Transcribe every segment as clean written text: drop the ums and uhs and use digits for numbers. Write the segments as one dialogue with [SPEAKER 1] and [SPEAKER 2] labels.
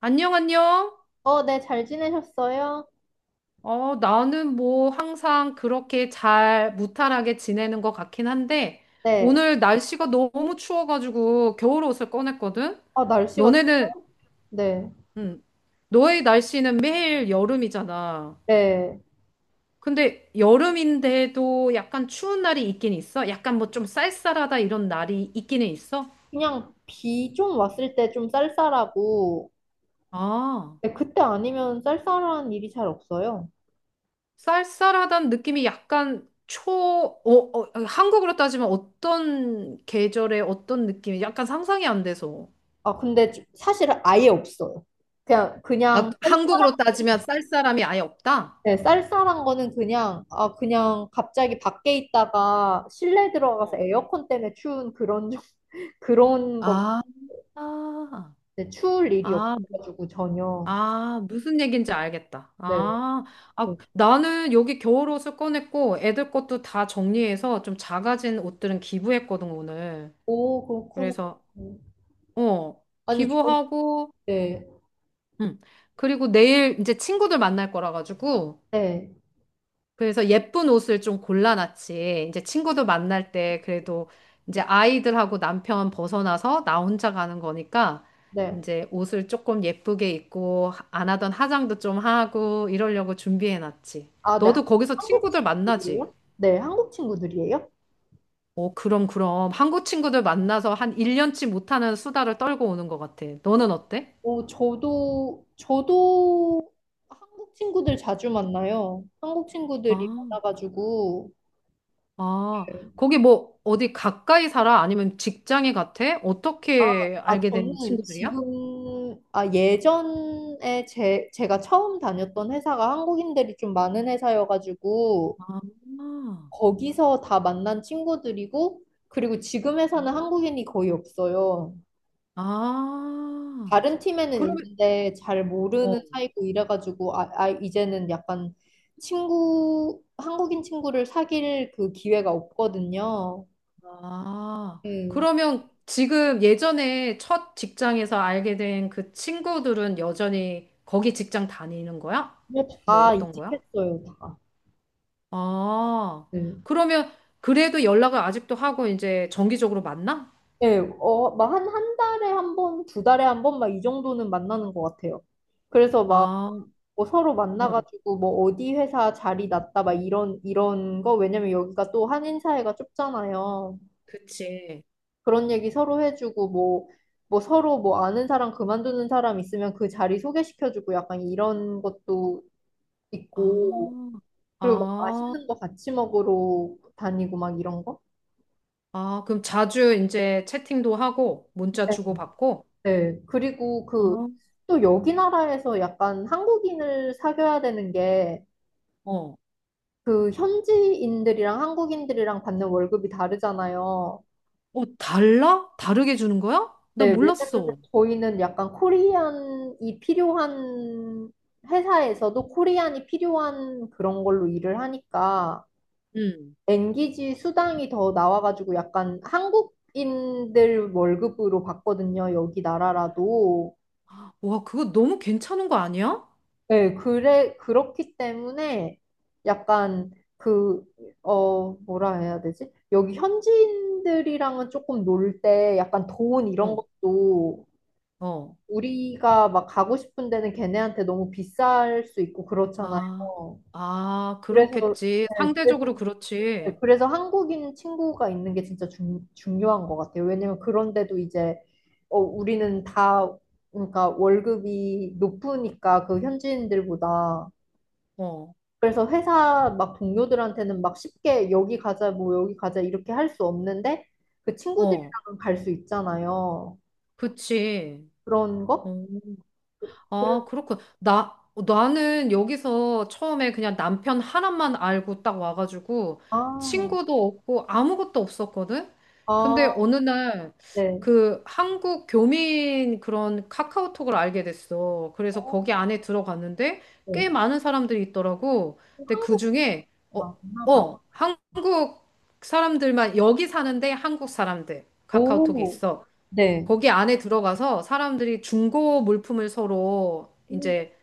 [SPEAKER 1] 안녕, 안녕.
[SPEAKER 2] 어, 네, 잘 지내셨어요?
[SPEAKER 1] 어, 나는 뭐 항상 그렇게 잘 무탈하게 지내는 것 같긴 한데,
[SPEAKER 2] 네.
[SPEAKER 1] 오늘 날씨가 너무 추워가지고 겨울 옷을 꺼냈거든?
[SPEAKER 2] 아, 날씨가
[SPEAKER 1] 너네는,
[SPEAKER 2] 좋아요? 네.
[SPEAKER 1] 음, 너의 날씨는 매일 여름이잖아.
[SPEAKER 2] 네.
[SPEAKER 1] 근데 여름인데도 약간 추운 날이 있긴 있어? 약간 뭐 좀 쌀쌀하다 이런 날이 있기는 있어?
[SPEAKER 2] 그냥 비 좀 왔을 때 좀 쌀쌀하고,
[SPEAKER 1] 아.
[SPEAKER 2] 네, 그때 아니면 쌀쌀한 일이 잘 없어요.
[SPEAKER 1] 쌀쌀하다는 느낌이 약간 한국으로 따지면 어떤 계절에 어떤 느낌이 약간 상상이 안 돼서.
[SPEAKER 2] 아, 근데 사실은 아예 없어요.
[SPEAKER 1] 아,
[SPEAKER 2] 그냥 쌀쌀한,
[SPEAKER 1] 한국으로 따지면 쌀쌀함이 아예 없다?
[SPEAKER 2] 네, 쌀쌀한 거는 그냥, 아, 그냥 갑자기 밖에 있다가 실내 들어가서
[SPEAKER 1] 어.
[SPEAKER 2] 에어컨 때문에 추운 그런, 그런 거,
[SPEAKER 1] 아, 아,
[SPEAKER 2] 네, 추울 일이
[SPEAKER 1] 아,
[SPEAKER 2] 없어가지고 전혀.
[SPEAKER 1] 아, 무슨 얘기인지 알겠다.
[SPEAKER 2] 네.
[SPEAKER 1] 아, 아,
[SPEAKER 2] 네.
[SPEAKER 1] 나는 여기 겨울옷을 꺼냈고 애들 것도 다 정리해서 좀 작아진 옷들은 기부했거든, 오늘.
[SPEAKER 2] 오, 그렇구나.
[SPEAKER 1] 그래서, 어,
[SPEAKER 2] 아니,
[SPEAKER 1] 기부하고,
[SPEAKER 2] 네,
[SPEAKER 1] 음, 그리고 내일 이제 친구들 만날 거라 가지고
[SPEAKER 2] 네,
[SPEAKER 1] 그래서 예쁜 옷을 좀 골라놨지. 이제 친구들 만날 때 그래도 이제 아이들하고 남편 벗어나서 나 혼자 가는 거니까
[SPEAKER 2] 네.
[SPEAKER 1] 이제 옷을 조금 예쁘게 입고 안 하던 화장도 좀 하고 이러려고 준비해놨지.
[SPEAKER 2] 아, 네.
[SPEAKER 1] 너도 거기서
[SPEAKER 2] 한국
[SPEAKER 1] 친구들 만나지?
[SPEAKER 2] 친구들이에요? 네, 한국 친구들이에요?
[SPEAKER 1] 어, 그럼 그럼 한국 친구들 만나서 한 1년치 못하는 수다를 떨고 오는 것 같아. 너는 어때?
[SPEAKER 2] 오, 저도 한국 친구들 자주 만나요. 한국
[SPEAKER 1] 아,
[SPEAKER 2] 친구들이 많아가지고.
[SPEAKER 1] 아,
[SPEAKER 2] 네.
[SPEAKER 1] 거기 뭐 어디 가까이 살아? 아니면 직장에 같아? 어떻게
[SPEAKER 2] 아,
[SPEAKER 1] 알게 된
[SPEAKER 2] 저는
[SPEAKER 1] 친구들이야?
[SPEAKER 2] 지금, 아, 예전에 제가 처음 다녔던 회사가 한국인들이 좀 많은 회사여가지고,
[SPEAKER 1] 아,
[SPEAKER 2] 거기서 다 만난 친구들이고, 그리고 지금
[SPEAKER 1] 어?
[SPEAKER 2] 회사는 한국인이 거의 없어요.
[SPEAKER 1] 아.
[SPEAKER 2] 다른 팀에는
[SPEAKER 1] 그러면,
[SPEAKER 2] 있는데 잘
[SPEAKER 1] 어,
[SPEAKER 2] 모르는 사이고 이래가지고 아, 아 이제는 약간 친구 한국인 친구를 사귈 그 기회가 없거든요.
[SPEAKER 1] 아.
[SPEAKER 2] 음.
[SPEAKER 1] 그러면 지금 예전에 첫 직장에서 알게 된 그 친구들은 여전히 거기 직장 다니는 거야?
[SPEAKER 2] 근데
[SPEAKER 1] 뭐
[SPEAKER 2] 다
[SPEAKER 1] 어떤 거야?
[SPEAKER 2] 이직했어요, 다.
[SPEAKER 1] 아.
[SPEAKER 2] 네.
[SPEAKER 1] 그러면 그래도 연락을 아직도 하고 이제 정기적으로 만나?
[SPEAKER 2] 예, 어, 막 한 달에 한 번, 두 달에 한 번, 막 이 정도는 만나는 것 같아요. 그래서 막,
[SPEAKER 1] 아,
[SPEAKER 2] 뭐 서로
[SPEAKER 1] 응.
[SPEAKER 2] 만나가지고, 뭐, 어디 회사 자리 났다, 막 이런, 이런 거, 왜냐면 여기가 또 한인 사회가 좁잖아요.
[SPEAKER 1] 그치.
[SPEAKER 2] 그런 얘기 서로 해주고 뭐, 뭐 서로 뭐 아는 사람 그만두는 사람 있으면 그 자리 소개시켜주고 약간 이런 것도 있고
[SPEAKER 1] 아,
[SPEAKER 2] 그리고 막
[SPEAKER 1] 아,
[SPEAKER 2] 맛있는 거 같이 먹으러 다니고 막 이런 거?
[SPEAKER 1] 아. 그럼 자주 이제 채팅도 하고 문자
[SPEAKER 2] 네.
[SPEAKER 1] 주고받고?
[SPEAKER 2] 네. 그리고 그
[SPEAKER 1] 아,
[SPEAKER 2] 또 여기 나라에서 약간 한국인을 사귀어야 되는 게
[SPEAKER 1] 어.
[SPEAKER 2] 그 현지인들이랑 한국인들이랑 받는 월급이 다르잖아요.
[SPEAKER 1] 어, 달라? 다르게 주는 거야? 나
[SPEAKER 2] 네, 왜냐면
[SPEAKER 1] 몰랐어.
[SPEAKER 2] 저희는 약간 코리안이 필요한 회사에서도 코리안이 필요한 그런 걸로 일을 하니까
[SPEAKER 1] 응.
[SPEAKER 2] 엔기지 수당이 더 나와가지고 약간 한국인들 월급으로 받거든요. 여기 나라라도.
[SPEAKER 1] 와, 그거 너무 괜찮은 거 아니야?
[SPEAKER 2] 네, 그래, 그렇기 때문에 약간 그, 어, 뭐라 해야 되지? 여기 현지인들이랑은 조금 놀 때 약간 돈 이런
[SPEAKER 1] 어,
[SPEAKER 2] 것도
[SPEAKER 1] 어,
[SPEAKER 2] 우리가 막 가고 싶은 데는 걔네한테 너무 비쌀 수 있고 그렇잖아요.
[SPEAKER 1] 아, 아,
[SPEAKER 2] 그래서,
[SPEAKER 1] 그렇겠지.
[SPEAKER 2] 네, 그래서,
[SPEAKER 1] 상대적으로
[SPEAKER 2] 네,
[SPEAKER 1] 그렇지.
[SPEAKER 2] 그래서 한국인 친구가 있는 게 진짜 중, 중요한 것 같아요. 왜냐면 그런데도 이제, 어, 우리는 다, 그러니까 월급이 높으니까 그 현지인들보다.
[SPEAKER 1] 어,
[SPEAKER 2] 그래서 회사 막 동료들한테는 막 쉽게 여기 가자, 뭐 여기 가자 이렇게 할 수 없는데 그
[SPEAKER 1] 어,
[SPEAKER 2] 친구들이랑은 갈 수 있잖아요.
[SPEAKER 1] 그치.
[SPEAKER 2] 그런
[SPEAKER 1] 어.
[SPEAKER 2] 거? 그래,
[SPEAKER 1] 아, 그렇군. 나는 여기서 처음에 그냥 남편 하나만 알고 딱 와가지고
[SPEAKER 2] 아,
[SPEAKER 1] 친구도 없고 아무것도 없었거든? 근데
[SPEAKER 2] 아,
[SPEAKER 1] 어느 날
[SPEAKER 2] 네.
[SPEAKER 1] 그 한국 교민 그런 카카오톡을 알게 됐어. 그래서
[SPEAKER 2] 어,
[SPEAKER 1] 거기 안에 들어갔는데
[SPEAKER 2] 네.
[SPEAKER 1] 꽤 많은 사람들이 있더라고.
[SPEAKER 2] 어,
[SPEAKER 1] 근데 그
[SPEAKER 2] 한국
[SPEAKER 1] 중에,
[SPEAKER 2] 맞나 봐.
[SPEAKER 1] 한국 사람들만, 여기 사는데 한국 사람들 카카오톡이
[SPEAKER 2] 오,
[SPEAKER 1] 있어.
[SPEAKER 2] 네.
[SPEAKER 1] 거기 안에 들어가서 사람들이 중고 물품을 서로
[SPEAKER 2] 음,
[SPEAKER 1] 이제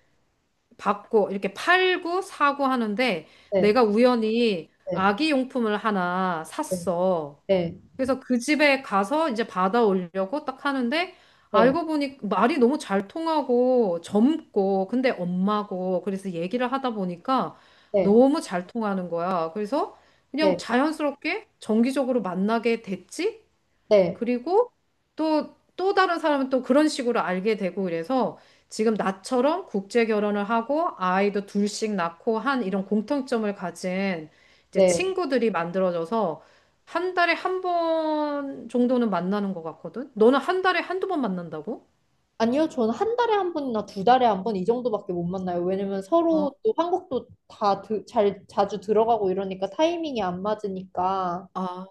[SPEAKER 1] 받고 이렇게 팔고 사고 하는데
[SPEAKER 2] 네,
[SPEAKER 1] 내가 우연히
[SPEAKER 2] 네,
[SPEAKER 1] 아기 용품을 하나
[SPEAKER 2] 네,
[SPEAKER 1] 샀어.
[SPEAKER 2] 네,
[SPEAKER 1] 그래서 그 집에 가서 이제 받아오려고 딱 하는데
[SPEAKER 2] 네,
[SPEAKER 1] 알고 보니 말이 너무 잘 통하고 젊고 근데 엄마고 그래서 얘기를 하다 보니까 너무 잘 통하는 거야. 그래서
[SPEAKER 2] 네,
[SPEAKER 1] 그냥 자연스럽게 정기적으로 만나게 됐지?
[SPEAKER 2] 네,
[SPEAKER 1] 그리고 또 다른 사람은 또 그런 식으로 알게 되고 이래서 지금 나처럼 국제 결혼을 하고 아이도 둘씩 낳고 한 이런 공통점을 가진 이제
[SPEAKER 2] 네.
[SPEAKER 1] 친구들이 만들어져서 한 달에 한 번 정도는 만나는 것 같거든? 너는 한 달에 한두 번 만난다고?
[SPEAKER 2] 아니요, 저는 한 달에 한 번이나 두 달에 한 번 이 정도밖에 못 만나요. 왜냐면 서로
[SPEAKER 1] 아,
[SPEAKER 2] 또 한국도 잘 자주 들어가고 이러니까 타이밍이 안 맞으니까.
[SPEAKER 1] 아,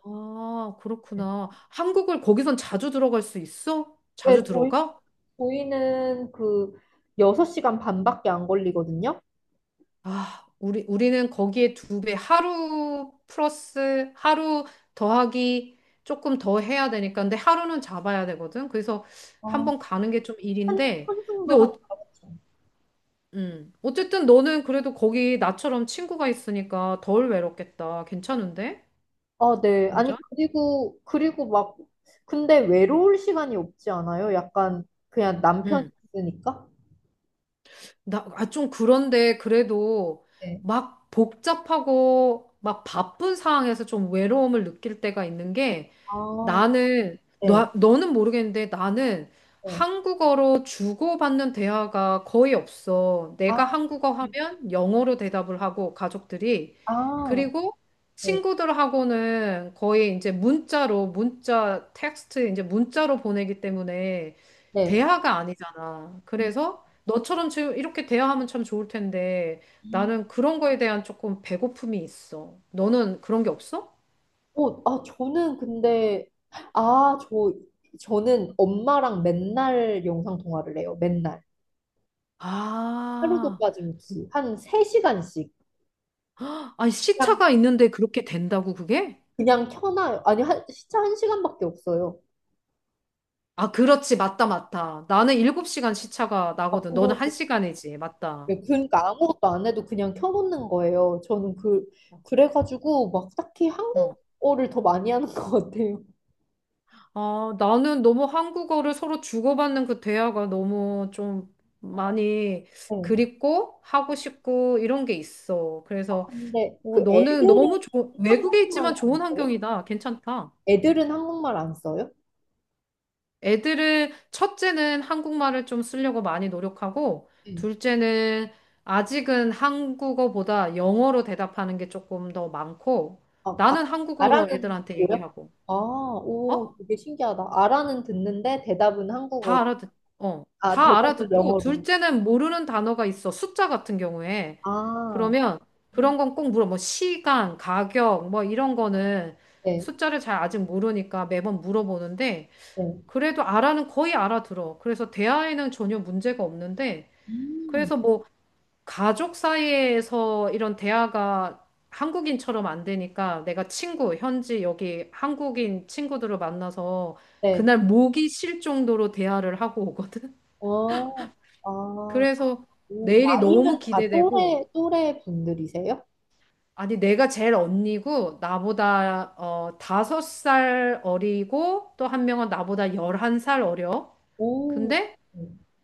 [SPEAKER 1] 그렇구나. 한국을 거기선 자주 들어갈 수 있어?
[SPEAKER 2] 네,
[SPEAKER 1] 자주 들어가?
[SPEAKER 2] 저희는 그 6시간 반밖에 안 걸리거든요.
[SPEAKER 1] 아, 우리는 거기에 두 배, 하루 플러스, 하루 더하기 조금 더 해야 되니까. 근데 하루는 잡아야 되거든. 그래서 한
[SPEAKER 2] 어,
[SPEAKER 1] 번 가는 게 좀
[SPEAKER 2] 한,
[SPEAKER 1] 일인데.
[SPEAKER 2] 한승도
[SPEAKER 1] 근데,
[SPEAKER 2] 하니까.
[SPEAKER 1] 어쨌든 너는 그래도 거기 나처럼 친구가 있으니까 덜 외롭겠다. 괜찮은데?
[SPEAKER 2] 아, 네. 네. 아니,
[SPEAKER 1] 완전?
[SPEAKER 2] 그리고 막, 근데 외로울 시간이 없지 않아요? 약간, 그냥 남편이
[SPEAKER 1] 응.
[SPEAKER 2] 있으니까?
[SPEAKER 1] 좀 그런데 그래도
[SPEAKER 2] 네.
[SPEAKER 1] 막 복잡하고 막 바쁜 상황에서 좀 외로움을 느낄 때가 있는 게
[SPEAKER 2] 아, 네.
[SPEAKER 1] 너는 모르겠는데 나는
[SPEAKER 2] 네.
[SPEAKER 1] 한국어로 주고받는 대화가 거의 없어. 내가
[SPEAKER 2] 아,
[SPEAKER 1] 한국어 하면 영어로 대답을 하고 가족들이.
[SPEAKER 2] 아,
[SPEAKER 1] 그리고
[SPEAKER 2] 네.
[SPEAKER 1] 친구들하고는 거의 이제 문자로, 문자, 텍스트, 이제 문자로 보내기 때문에
[SPEAKER 2] 네.
[SPEAKER 1] 대화가 아니잖아.
[SPEAKER 2] 음,
[SPEAKER 1] 그래서 너처럼 지금 이렇게 대화하면 참 좋을 텐데
[SPEAKER 2] 음.
[SPEAKER 1] 나는 그런 거에 대한 조금 배고픔이 있어. 너는 그런 게 없어?
[SPEAKER 2] 어, 아, 저는 근데, 아, 저, 저는 엄마랑 맨날 영상 통화를 해요. 맨날. 하루도
[SPEAKER 1] 아.
[SPEAKER 2] 빠짐없이. 한 3시간씩.
[SPEAKER 1] 아니,
[SPEAKER 2] 그냥,
[SPEAKER 1] 시차가 있는데 그렇게 된다고, 그게?
[SPEAKER 2] 그냥 켜놔요. 아니, 한, 진짜 한시간밖에 없어요.
[SPEAKER 1] 아, 그렇지. 맞다, 맞다. 나는 7시간 시차가
[SPEAKER 2] 아,
[SPEAKER 1] 나거든. 너는
[SPEAKER 2] 그러
[SPEAKER 1] 1시간이지. 맞다.
[SPEAKER 2] 네, 그러니까 아무것도 안 해도 그냥 켜놓는 거예요. 저는 그,
[SPEAKER 1] 어.
[SPEAKER 2] 그래가지고 막 딱히
[SPEAKER 1] 어.
[SPEAKER 2] 한국어를 더 많이 하는 것 같아요.
[SPEAKER 1] 아, 나는 너무 한국어를 서로 주고받는 그 대화가 너무 좀 많이
[SPEAKER 2] 네.
[SPEAKER 1] 그립고 하고 싶고 이런 게 있어.
[SPEAKER 2] 아,
[SPEAKER 1] 그래서
[SPEAKER 2] 근데 그
[SPEAKER 1] 너는
[SPEAKER 2] 애들은
[SPEAKER 1] 너무 좋 외국에
[SPEAKER 2] 한국말
[SPEAKER 1] 있지만
[SPEAKER 2] 안
[SPEAKER 1] 좋은
[SPEAKER 2] 써요?
[SPEAKER 1] 환경이다. 괜찮다.
[SPEAKER 2] 애들은 한국말 안 써요?
[SPEAKER 1] 애들은 첫째는 한국말을 좀 쓰려고 많이 노력하고
[SPEAKER 2] 응.
[SPEAKER 1] 둘째는 아직은 한국어보다 영어로 대답하는 게 조금 더 많고
[SPEAKER 2] 아, 아,
[SPEAKER 1] 나는 한국어로
[SPEAKER 2] 아라는
[SPEAKER 1] 애들한테
[SPEAKER 2] 듣고요?
[SPEAKER 1] 얘기하고
[SPEAKER 2] 아,
[SPEAKER 1] 어?
[SPEAKER 2] 오, 되게 신기하다. 아라는 듣는데 대답은
[SPEAKER 1] 다
[SPEAKER 2] 한국어로.
[SPEAKER 1] 알아듣 어.
[SPEAKER 2] 아,
[SPEAKER 1] 다
[SPEAKER 2] 대답은
[SPEAKER 1] 알아듣고
[SPEAKER 2] 영어로.
[SPEAKER 1] 둘째는 모르는 단어가 있어. 숫자 같은 경우에.
[SPEAKER 2] 아,
[SPEAKER 1] 그러면 그런 건 꼭 물어. 뭐 시간, 가격 뭐 이런 거는
[SPEAKER 2] 네,
[SPEAKER 1] 숫자를 잘 아직 모르니까 매번 물어보는데
[SPEAKER 2] 네.
[SPEAKER 1] 그래도 알아는 거의 알아들어. 그래서 대화에는 전혀 문제가 없는데,
[SPEAKER 2] 음,
[SPEAKER 1] 그래서 뭐 가족 사이에서 이런 대화가 한국인처럼 안 되니까 내가 현지 여기 한국인 친구들을 만나서
[SPEAKER 2] 네.
[SPEAKER 1] 그날 목이 쉴 정도로 대화를 하고 오거든.
[SPEAKER 2] 어, 아,
[SPEAKER 1] 그래서
[SPEAKER 2] 오,
[SPEAKER 1] 내일이 너무
[SPEAKER 2] 나이는 다
[SPEAKER 1] 기대되고,
[SPEAKER 2] 또래, 또래 분들이세요?
[SPEAKER 1] 아니 내가 제일 언니고 나보다 5살 어리고 또 한 명은 나보다 11살 어려.
[SPEAKER 2] 오,
[SPEAKER 1] 근데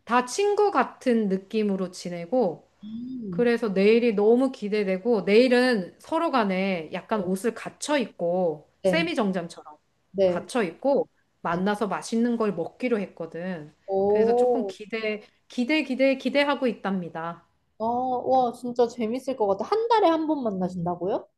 [SPEAKER 1] 다 친구 같은 느낌으로 지내고,
[SPEAKER 2] 음.
[SPEAKER 1] 그래서 내일이 너무 기대되고, 내일은 서로 간에 약간 옷을 갖춰 입고,
[SPEAKER 2] 네,
[SPEAKER 1] 세미정장처럼
[SPEAKER 2] 네,
[SPEAKER 1] 갖춰 입고,
[SPEAKER 2] 네.
[SPEAKER 1] 만나서 맛있는 걸 먹기로 했거든. 그래서 조금
[SPEAKER 2] 오,
[SPEAKER 1] 기대하고 있답니다.
[SPEAKER 2] 아, 와, 진짜 재밌을 것 같아. 한 달에 한 번 만나신다고요?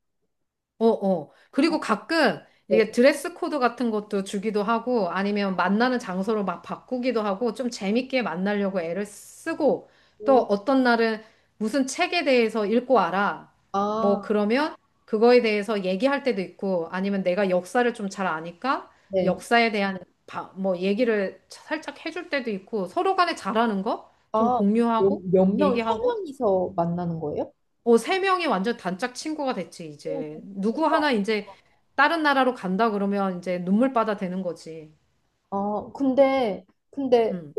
[SPEAKER 1] 어, 어.
[SPEAKER 2] 아,
[SPEAKER 1] 그리고 가끔 이게
[SPEAKER 2] 네.
[SPEAKER 1] 드레스 코드 같은 것도 주기도 하고 아니면 만나는 장소를 막 바꾸기도 하고 좀 재밌게 만나려고 애를 쓰고 또
[SPEAKER 2] 오,
[SPEAKER 1] 어떤 날은 무슨 책에 대해서 읽고 알아. 뭐
[SPEAKER 2] 아,
[SPEAKER 1] 그러면 그거에 대해서 얘기할 때도 있고 아니면 내가 역사를 좀 잘 아니까
[SPEAKER 2] 네.
[SPEAKER 1] 역사에 대한 뭐 얘기를 살짝 해줄 때도 있고 서로 간에 잘하는 거 좀
[SPEAKER 2] 아, 몇,
[SPEAKER 1] 공유하고
[SPEAKER 2] 몇 명, 세
[SPEAKER 1] 얘기하고
[SPEAKER 2] 명이서 만나는 거예요?
[SPEAKER 1] 어, 세 명이 완전 단짝 친구가 됐지,
[SPEAKER 2] 오,
[SPEAKER 1] 이제.
[SPEAKER 2] 너무
[SPEAKER 1] 누구
[SPEAKER 2] 좋겠다.
[SPEAKER 1] 하나 이제 다른 나라로 간다 그러면 이제 눈물바다 되는 거지.
[SPEAKER 2] 아, 근데, 근데,
[SPEAKER 1] 응,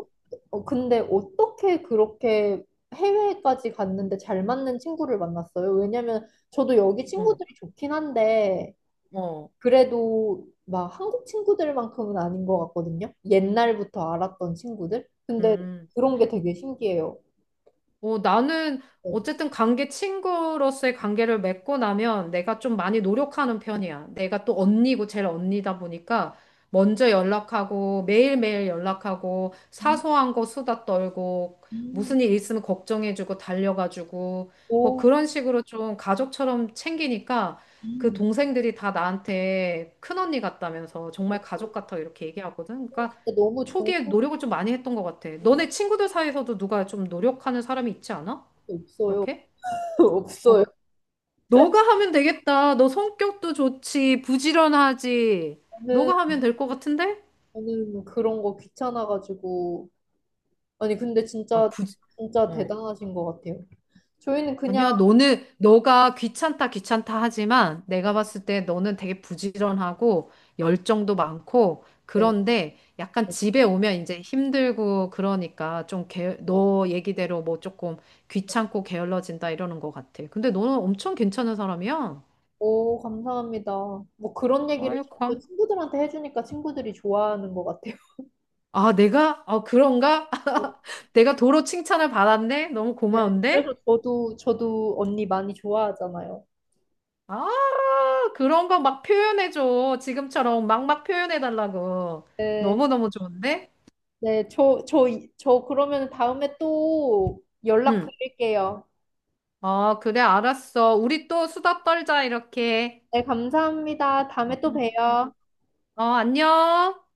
[SPEAKER 2] 어, 근데 어떻게 그렇게 해외까지 갔는데 잘 맞는 친구를 만났어요? 왜냐면 저도 여기
[SPEAKER 1] 응,
[SPEAKER 2] 친구들이 좋긴 한데,
[SPEAKER 1] 어,
[SPEAKER 2] 그래도 막 한국 친구들만큼은 아닌 것 같거든요? 옛날부터 알았던 친구들? 근데
[SPEAKER 1] 음.
[SPEAKER 2] 그런 게 되게 신기해요.
[SPEAKER 1] 어, 나는
[SPEAKER 2] 네.
[SPEAKER 1] 어쨌든 관계 친구로서의 관계를 맺고 나면 내가 좀 많이 노력하는 편이야. 내가 또 언니고 제일 언니다 보니까 먼저 연락하고 매일매일 연락하고
[SPEAKER 2] 음,
[SPEAKER 1] 사소한 거 수다 떨고
[SPEAKER 2] 음,
[SPEAKER 1] 무슨 일 있으면 걱정해주고 달려가지고 뭐
[SPEAKER 2] 오,
[SPEAKER 1] 그런 식으로 좀 가족처럼 챙기니까 그
[SPEAKER 2] 음.
[SPEAKER 1] 동생들이 다 나한테 큰언니 같다면서
[SPEAKER 2] 어,
[SPEAKER 1] 정말 가족 같다고 이렇게 얘기하거든. 그러니까
[SPEAKER 2] 진짜 너무 좋은
[SPEAKER 1] 초기에
[SPEAKER 2] 게
[SPEAKER 1] 노력을 좀 많이 했던 것 같아. 너네 친구들 사이에서도 누가 좀 노력하는 사람이 있지 않아?
[SPEAKER 2] 없어요.
[SPEAKER 1] 그렇게? 어,
[SPEAKER 2] 없어요.
[SPEAKER 1] 너가 하면 되겠다. 너 성격도 좋지. 부지런하지.
[SPEAKER 2] 저는,
[SPEAKER 1] 너가 하면 될 것 같은데?
[SPEAKER 2] 저는 그런 거 귀찮아가지고. 아니, 근데
[SPEAKER 1] 아,
[SPEAKER 2] 진짜,
[SPEAKER 1] 부지,
[SPEAKER 2] 진짜
[SPEAKER 1] 어.
[SPEAKER 2] 대단하신 것 같아요. 저희는 그냥,
[SPEAKER 1] 아니야, 너가 귀찮다, 귀찮다 하지만 내가 봤을 때 너는 되게 부지런하고 열정도 많고
[SPEAKER 2] 네,
[SPEAKER 1] 그런데 약간 집에 오면 이제 힘들고 그러니까 좀 너 얘기대로 뭐 조금 귀찮고 게을러진다 이러는 것 같아. 근데 너는 엄청 괜찮은 사람이야.
[SPEAKER 2] 오, 감사합니다. 뭐 그런 얘기를
[SPEAKER 1] 아유,
[SPEAKER 2] 자꾸
[SPEAKER 1] 감.
[SPEAKER 2] 친구들한테 해주니까 친구들이 좋아하는 것 같아요.
[SPEAKER 1] 아, 내가? 아, 그런가? 내가 도로 칭찬을 받았네? 너무
[SPEAKER 2] 네, 그래서
[SPEAKER 1] 고마운데?
[SPEAKER 2] 저도 언니 많이 좋아하잖아요.
[SPEAKER 1] 아, 그런 거 막 표현해줘. 지금처럼 막 막 표현해달라고.
[SPEAKER 2] 네,
[SPEAKER 1] 너무너무 좋은데?
[SPEAKER 2] 네, 저 그러면 다음에 또 연락
[SPEAKER 1] 응.
[SPEAKER 2] 드릴게요.
[SPEAKER 1] 어, 그래, 알았어. 우리 또 수다 떨자, 이렇게.
[SPEAKER 2] 네, 감사합니다. 다음에 또
[SPEAKER 1] 응, 응.
[SPEAKER 2] 봬요.
[SPEAKER 1] 어, 안녕.